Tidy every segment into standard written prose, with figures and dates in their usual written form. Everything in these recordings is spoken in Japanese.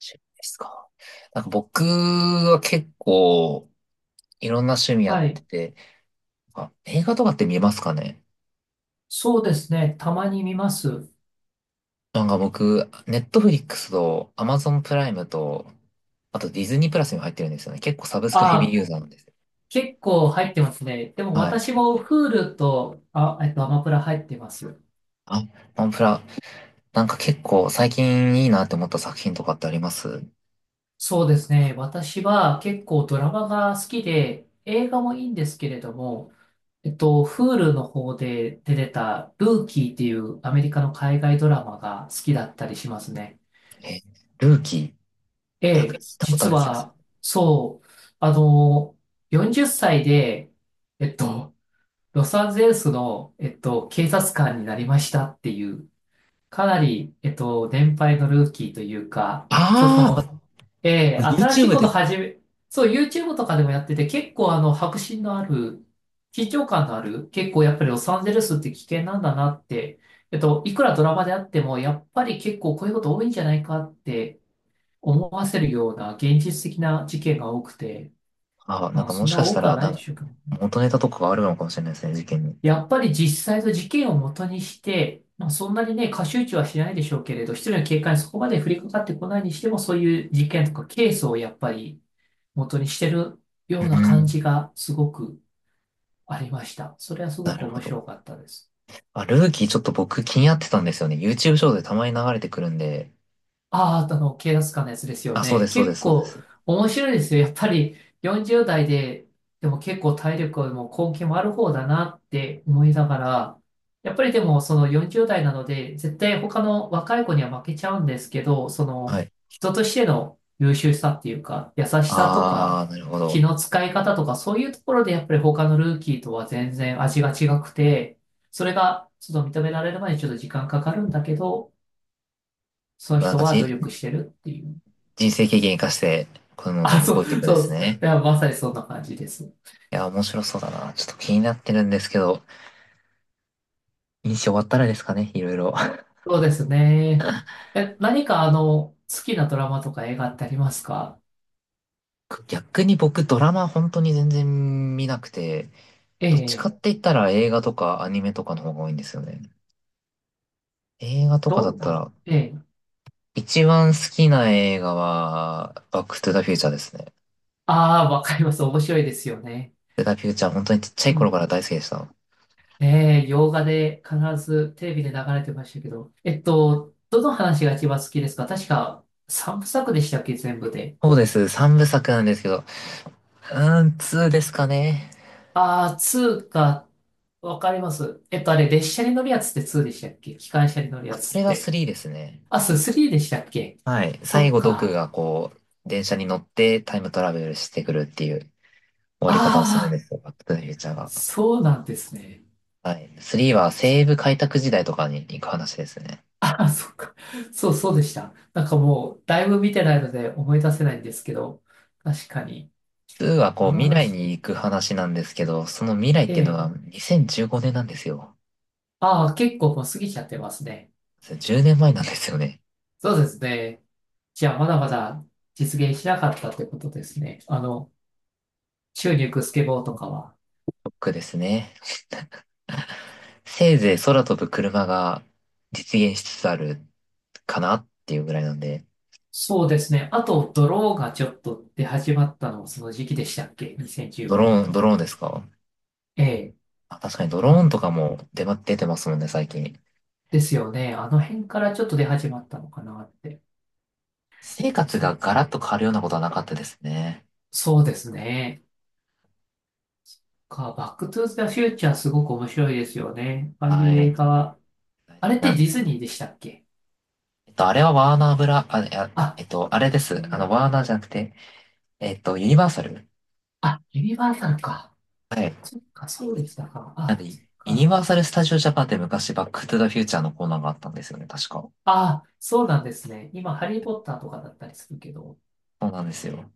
趣味ですか。僕は結構いろんな趣味やっはてい。て、あ、映画とかって見えますかね。そうですね。たまに見ます。僕、ネットフリックスとアマゾンプライムと、あとディズニープラスにも入ってるんですよね。結構サブスクヘビーあ、ユーザーなんです。結構入ってますね。でもはい。私も Hulu と、アマプラ入ってます。あ、アンプラ、結構最近いいなって思った作品とかってあります？そうですね。私は結構ドラマが好きで、映画もいいんですけれども、Hulu の方で出てたルーキーっていうアメリカの海外ドラマが好きだったりしますね。え、ルーキえー、なんかえ、聞いたことあ実る気がすは、る。そう、あの、40歳で、えっと、ロサンゼルスの、警察官になりましたっていう、かなり、年配のルーキーというか、そああ、ま、 の、えー新しい YouTube ことで、始め、そう、YouTube とかでもやってて、結構迫真のある、緊張感のある、結構やっぱりロサンゼルスって危険なんだなって、いくらドラマであっても、やっぱり結構こういうこと多いんじゃないかって思わせるような現実的な事件が多くて、あ、なんまあ、かもそんしなかし多たくはら、なないんでかしょうけどね。元ネタとかがあるのかもしれないですね、事件に。やっぱり実際の事件を元にして、まあ、そんなにね、過集中はしないでしょうけれど、一人の警官にそこまで降りかかってこないにしても、そういう事件とかケースをやっぱり元にしてるうような感ん、じがすごくありました。それはすなごくるほ面ど。白かったです。あ、ルーキーちょっと僕気になってたんですよね。YouTube ショートでたまに流れてくるんで。ああ、あの、警察官のやつですよあ、そうでね。す、そうで結す、そうで構す。面白いですよ。やっぱり40代で、でも結構体力も根気もある方だなって思いながら、やっぱりでもその40代なので、絶対他の若い子には負けちゃうんですけど、そはのい。人としての優秀さっていうか、優しさとか、あー、なるほど。気の使い方とか、そういうところでやっぱり他のルーキーとは全然味が違くて、それがちょっと認められるまでにちょっと時間かかるんだけど、そのなん人かは努じ、力してるっていう。人生経験生かして、こういうのを乗あ、りそ越う、えていくんでそうすでね。す、いや、まさにそんな感じです。いや、面白そうだな。ちょっと気になってるんですけど、印象終わったらですかね、いろいろ。そうですね。え、何か好きなドラマとか映画ってありますか？逆に僕ドラマ本当に全然見なくて、えどっちえ、かって言ったら映画とかアニメとかの方が多いんですよね。映画とかだどっんたな、ら、ええ、一番好きな映画は、バックトゥザフューチャーですね。ああ、わかります。面白いですよね。セガフューチャー、本当にちっちゃうい頃ん。から大好きでした。ええ、洋画で必ずテレビで流れてましたけど、どの話が一番好きですか？確か三部作でしたっけ、全部で。そうです。3部作なんですけど、うーん、2ですかね。ああ、ツーか、わかります。あれ、列車に乗るやつってツーでしたっけ？機関車に乗るあ、やそつれっがて。3ですね。あ、スリーでしたっけ？はい。そ最っ後、ドクか。がこう、電車に乗ってタイムトラベルしてくるっていう終わり方をするんでああ、すよ、バックトゥザフューチャーが。そうなんですね。はい。3は西部開拓時代とかに行く話ですね。ああ、そっか。そう、そうでした。なんかもう、だいぶ見てないので思い出せないんですけど、確かに、2はこあう、の未来話、に行く話なんですけど、その未来っえていうのはえ、2015年なんですよ。ああ、結構もう過ぎちゃってますね。10年前なんですよね。そうですね。じゃあ、まだまだ実現しなかったってことですね。あの、宙に浮くスケボーとかは。ドクですね。せいぜい空飛ぶ車が実現しつつあるかなっていうぐらいなんで、そうですね。あと、ドローがちょっと出始まったのもその時期でしたっけ？ ドロ 2015年 ーン、年とドロか。ーンですか？ええ。あ、確かにドロあーンの、とかも出てますもんね、最近。ですよね。あの辺からちょっと出始まったのかなって。私生活がそ、ガラッと変わるようなことはなかったですね。そうですね。バックトゥーザフューチャーすごく面白いですよね。ああいはう映い。画は。あれっなてんでディすズニよ。ーでしたっけ？えっと、あれはワーナーブラ、あ、いや、あ、えっと、あれでうす。あの、ん、ワーナーじゃなくて、えっと、ユニバーサル。あ、ユニバーサルか。はい。そっか、そうでしたか。なんで、あ、そっユニか。バーサル・スタジオ・ジャパンって昔、バック・トゥ・ザ・フューチャーのコーナーがあったんですよね、確か。あ、そうなんですね。今、ハリー・ポッターとかだったりするけど。そうなんですよ。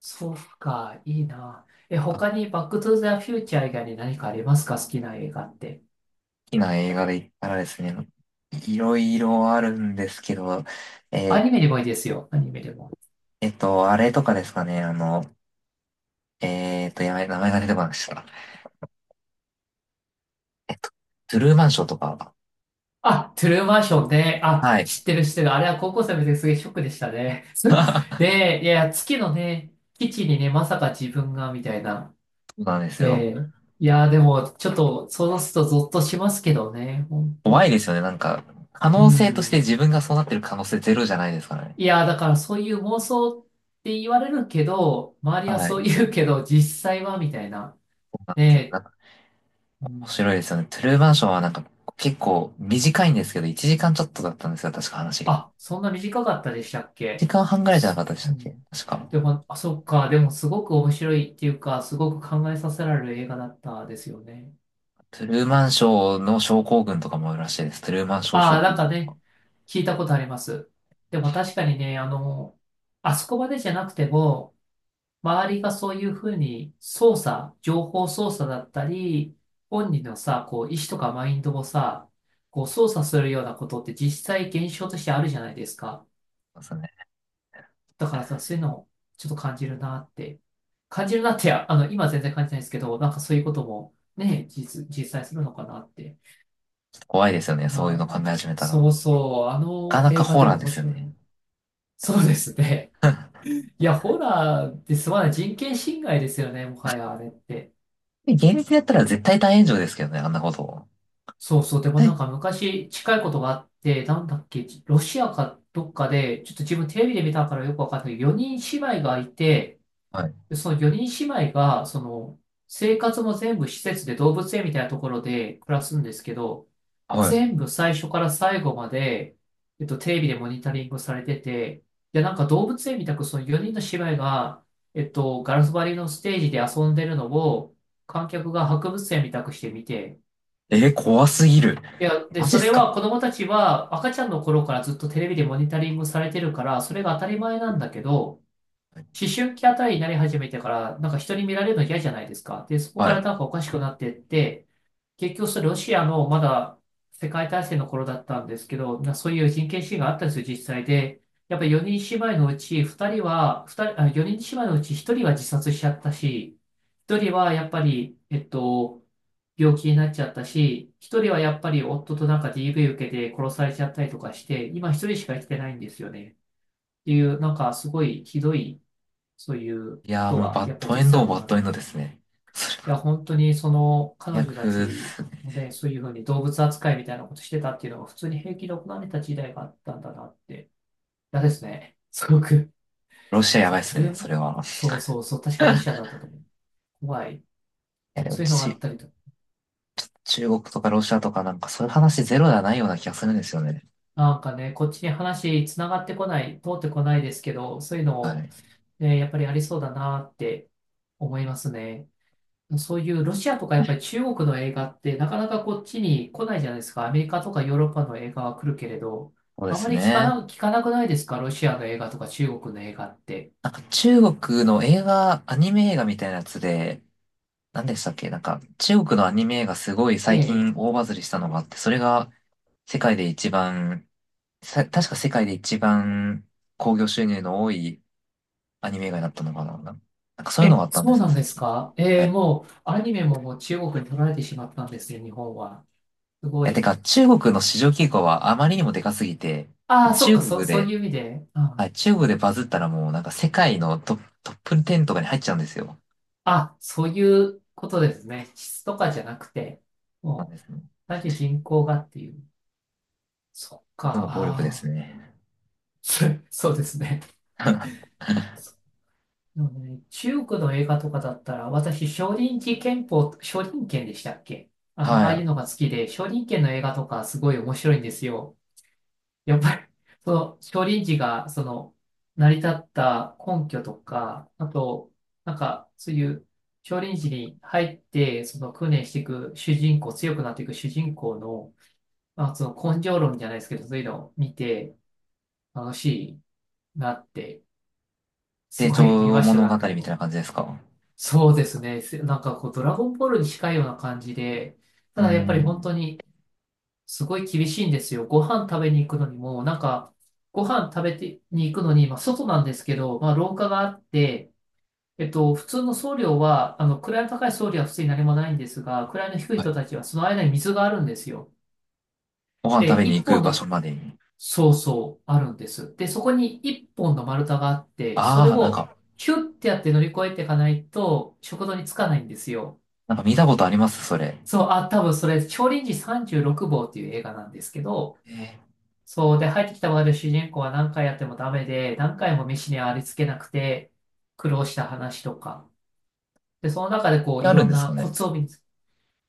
そうか、いいな。え、他にバックトゥーザフューチャー以外に何かありますか？好きな映画って。好きな映画で言ったらですね、いろいろあるんですけど、えアーニメでもいいですよ。アニメでも。えっと、あれとかですかね、あの、やばい、名前が出てこなくした。えっと、トゥルーマンショーとか。あ、トゥルーマンションね。あ、は知っい。てる知ってる。あれは高校生の時ですげえショックでしたね。そで、いや、月のね、基地にね、まさか自分が、みたいな。うなんですえよ。え、いや、でも、ちょっと、そうするとゾッとしますけどね、ほん怖いと。ですよね、なんか、可う能性としてん。自分がそうなってる可能性ゼロじゃないですからね。いや、だからそういう妄想って言われるけど、周りははそうい。言うけど、実際は、みたいな。そうなんですよ。なねんか、え、う面ん。白いですよね。トゥルーマンションはなんか、結構短いんですけど、1時間ちょっとだったんですよ、確か話が。あ、そんな短かったでしたっ時け？間半ぐらいじゃなかったでしうたっけ、ん。確か。でも、あ、そっか。でも、すごく面白いっていうか、すごく考えさせられる映画だったですよね。トゥルーマンショーの症候群とかもあるらしいです。トゥルーマンショー症ああ、候なんか群とか。ね、聞いたことあります。でも、確かにね、あそこまでじゃなくても、周りがそういうふうに操作、情報操作だったり、本人のさ、こう、意思とかマインドをさ、こう、操作するようなことって実際現象としてあるじゃないですか。そうね。だからさ、そういうのをちょっと感じるなって、今は全然感じないですけど、なんかそういうこともね、実際するのかなって。ちょっと怖いですよね、そういうまあ、の考え始めたら。なそうそう、あかのなか映画ホーでラーもで面すよ白ね。い。そうですね。いや、ホラーですまない人権侵害ですよね、もはやあれって。現実やったら絶対大炎上ですけどね、あんなことを。そうそう、で絶もなん対。か昔近いことがあって、なんだっけ、ロシアかどっかで、ちょっと自分テレビで見たからよくわかんないけど、4人姉妹がいて、はい。で、その4人姉妹が、その、生活も全部施設で動物園みたいなところで暮らすんですけど、はい。全部最初から最後まで、テレビでモニタリングされてて、で、なんか動物園みたくその4人の姉妹が、ガラス張りのステージで遊んでるのを、観客が博物園みたくして見て、えー怖すぎる。いや、で、マジそっれすはか？子供たちは赤ちゃんの頃からずっとテレビでモニタリングされてるから、それが当たり前なんだけど、思春期あたりになり始めてから、なんか人に見られるの嫌じゃないですか。で、そこかはい。らなんかおかしくなってって、結局それロシアのまだ世界大戦の頃だったんですけど、そういう人権侵害があったんですよ、実際で。やっぱり4人姉妹のうち2人は、2人、あ、4人姉妹のうち1人は自殺しちゃったし、1人はやっぱり、病気になっちゃったし、1人はやっぱり夫となんか DV 受けて殺されちゃったりとかして、今1人しか生きてないんですよね。っていう、なんかすごいひどいそういういこやー、ともうが、バやッっぱりドエ実ンド際も行バッわれドる。エいンドですね。そや、本当にその彼れは女最た悪でちすね。もね、そういうふうに動物扱いみたいなことしてたっていうのが普通に平気で行われた時代があったんだなって。嫌ですね。すごく。ロシアやそばう、いっトすゥルね、ー、それは。そうそうそう、確かロシアだったと思う。怖い。いやでもそういうのがあっち、たりとか。中国とかロシアとかなんかそういう話ゼロではないような気がするんですよね。なんかね、こっちに話つながってこない、通ってこないですけど、そういうのはを、い。ね、やっぱりありそうだなって思いますね。そういうロシアとかやっぱり中国の映画ってなかなかこっちに来ないじゃないですか。アメリカとかヨーロッパの映画は来るけれど、そうであますり聞かね。な、聞かなくないですか？ロシアの映画とか中国の映画って。なんか中国の映画、アニメ映画みたいなやつで、何でしたっけ、なんか中国のアニメ映画すごいえ最え。近大バズりしたのがあって、それが世界で一番、さ確か世界で一番興行収入の多いアニメ映画になったのかな、なんかそういうえ、のがあったんでそうすよ、なんで最す近。か？えはえ、い。いもうアニメももう中国に取られてしまったんですよ、日本は。すごや、てい。か中国の市場規模はあまりにもでかすぎて、ああ、そっ中か、国そうで、いう意味で。はあい、中国でバズったらもうなんか世界のトップ、トップ10とかに入っちゃうんですよ。あ、そういうことですね。質とかじゃなくて、なんでもすね。う、単純に人口がっていう。そっか、数の暴力ですああ、ね。そそうですね。はなのでね、中国の映画とかだったら、私、少林寺拳法、少林拳でしたっけ。あの、ああい。いうのが好きで、少林拳の映画とかすごい面白いんですよ。やっぱり、その、少林寺が、その、成り立った根拠とか、あと、なんか、そういう、少林寺に入って、その、訓練していく主人公、強くなっていく主人公の、まあ、その、根性論じゃないですけど、そういうのを見て、楽しいなって、す成ごい見長ました、物語何回みたいも。な感じですか？そうですね。なんかこう、ドラゴンボールに近いような感じで、うたーだやっぱり本ん。当にすごい厳しいんですよ。ご飯食べに行くのにも、なんか、ご飯食べてに行くのに、まあ外なんですけど、まあ廊下があって、普通の僧侶は、位の高い僧侶は普通に何もないんですが、位の低いはい。人たちはその間に水があるんですよ。ご飯で、食べに行一く本場の、所までに。そうそう、あるんです。で、そこに一本の丸太があって、それああ、なんをか、ヒュッてやって乗り越えていかないと、食堂に着かないんですよ。なんか見たことありますそれ。そう、あ、多分それ、少林寺36号っていう映画なんですけど、えー、そう、で、入ってきた我々主人公は何回やってもダメで、何回も飯にありつけなくて、苦労した話とか。で、その中でこう、いあるろんんですなかコね？ツを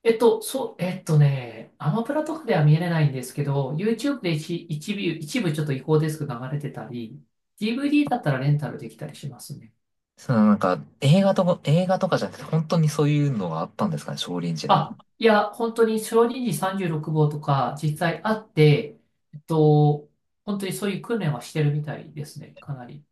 そう、えっとね、アマプラとかでは見れないんですけど、YouTube で一部ちょっと違法ですけど流れてたり、DVD だったらレンタルできたりしますね。そのなんか、映画とか、映画とかじゃなくて、本当にそういうのがあったんですかね、少林寺の。あ、いや、本当に小児児36号とか実際あって、えっと、本当にそういう訓練はしてるみたいですね、かなり。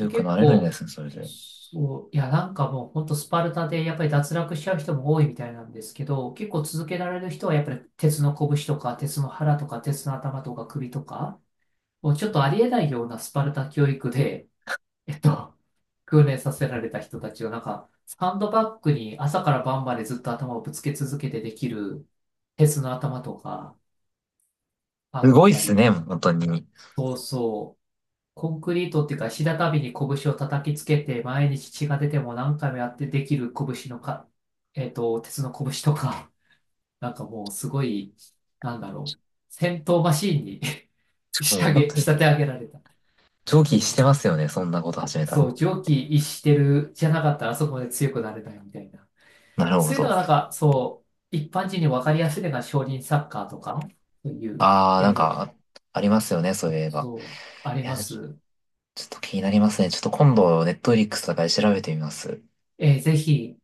でく結なれるんで構、すね、それで。そう、いや、なんかもう本当スパルタでやっぱり脱落しちゃう人も多いみたいなんですけど、結構続けられる人はやっぱり鉄の拳とか、鉄の腹とか、鉄の頭とか首とか、もうちょっとありえないようなスパルタ教育で、えっと、訓練させられた人たちを、なんか、サンドバッグに朝から晩までずっと頭をぶつけ続けてできる、鉄の頭とかあすっごいったすり、ね、本当に。そうそう、コンクリートっていうか、石畳に拳を叩きつけて、毎日血が出ても何回もやってできる拳のか、鉄の拳とか、なんかもうすごい、なんだろう、戦闘マシーンに もう本当仕に、立て上げられた。上そ記しう、てますよね、そんなこと始めたら。そう、常軌逸してるじゃなかったらあそこまで強くなれないみたいな。なるほそういうのど。がなんか、そう、一般人に分かりやすいのが少林サッカーとか、そういうああ、なん映画が、か、ありますよね、そういえば。そう、ありいや、まちょす。ちょっと気になりますね。ちょっと今度、ネットフリックスとかで調べてみます。えーぜひ、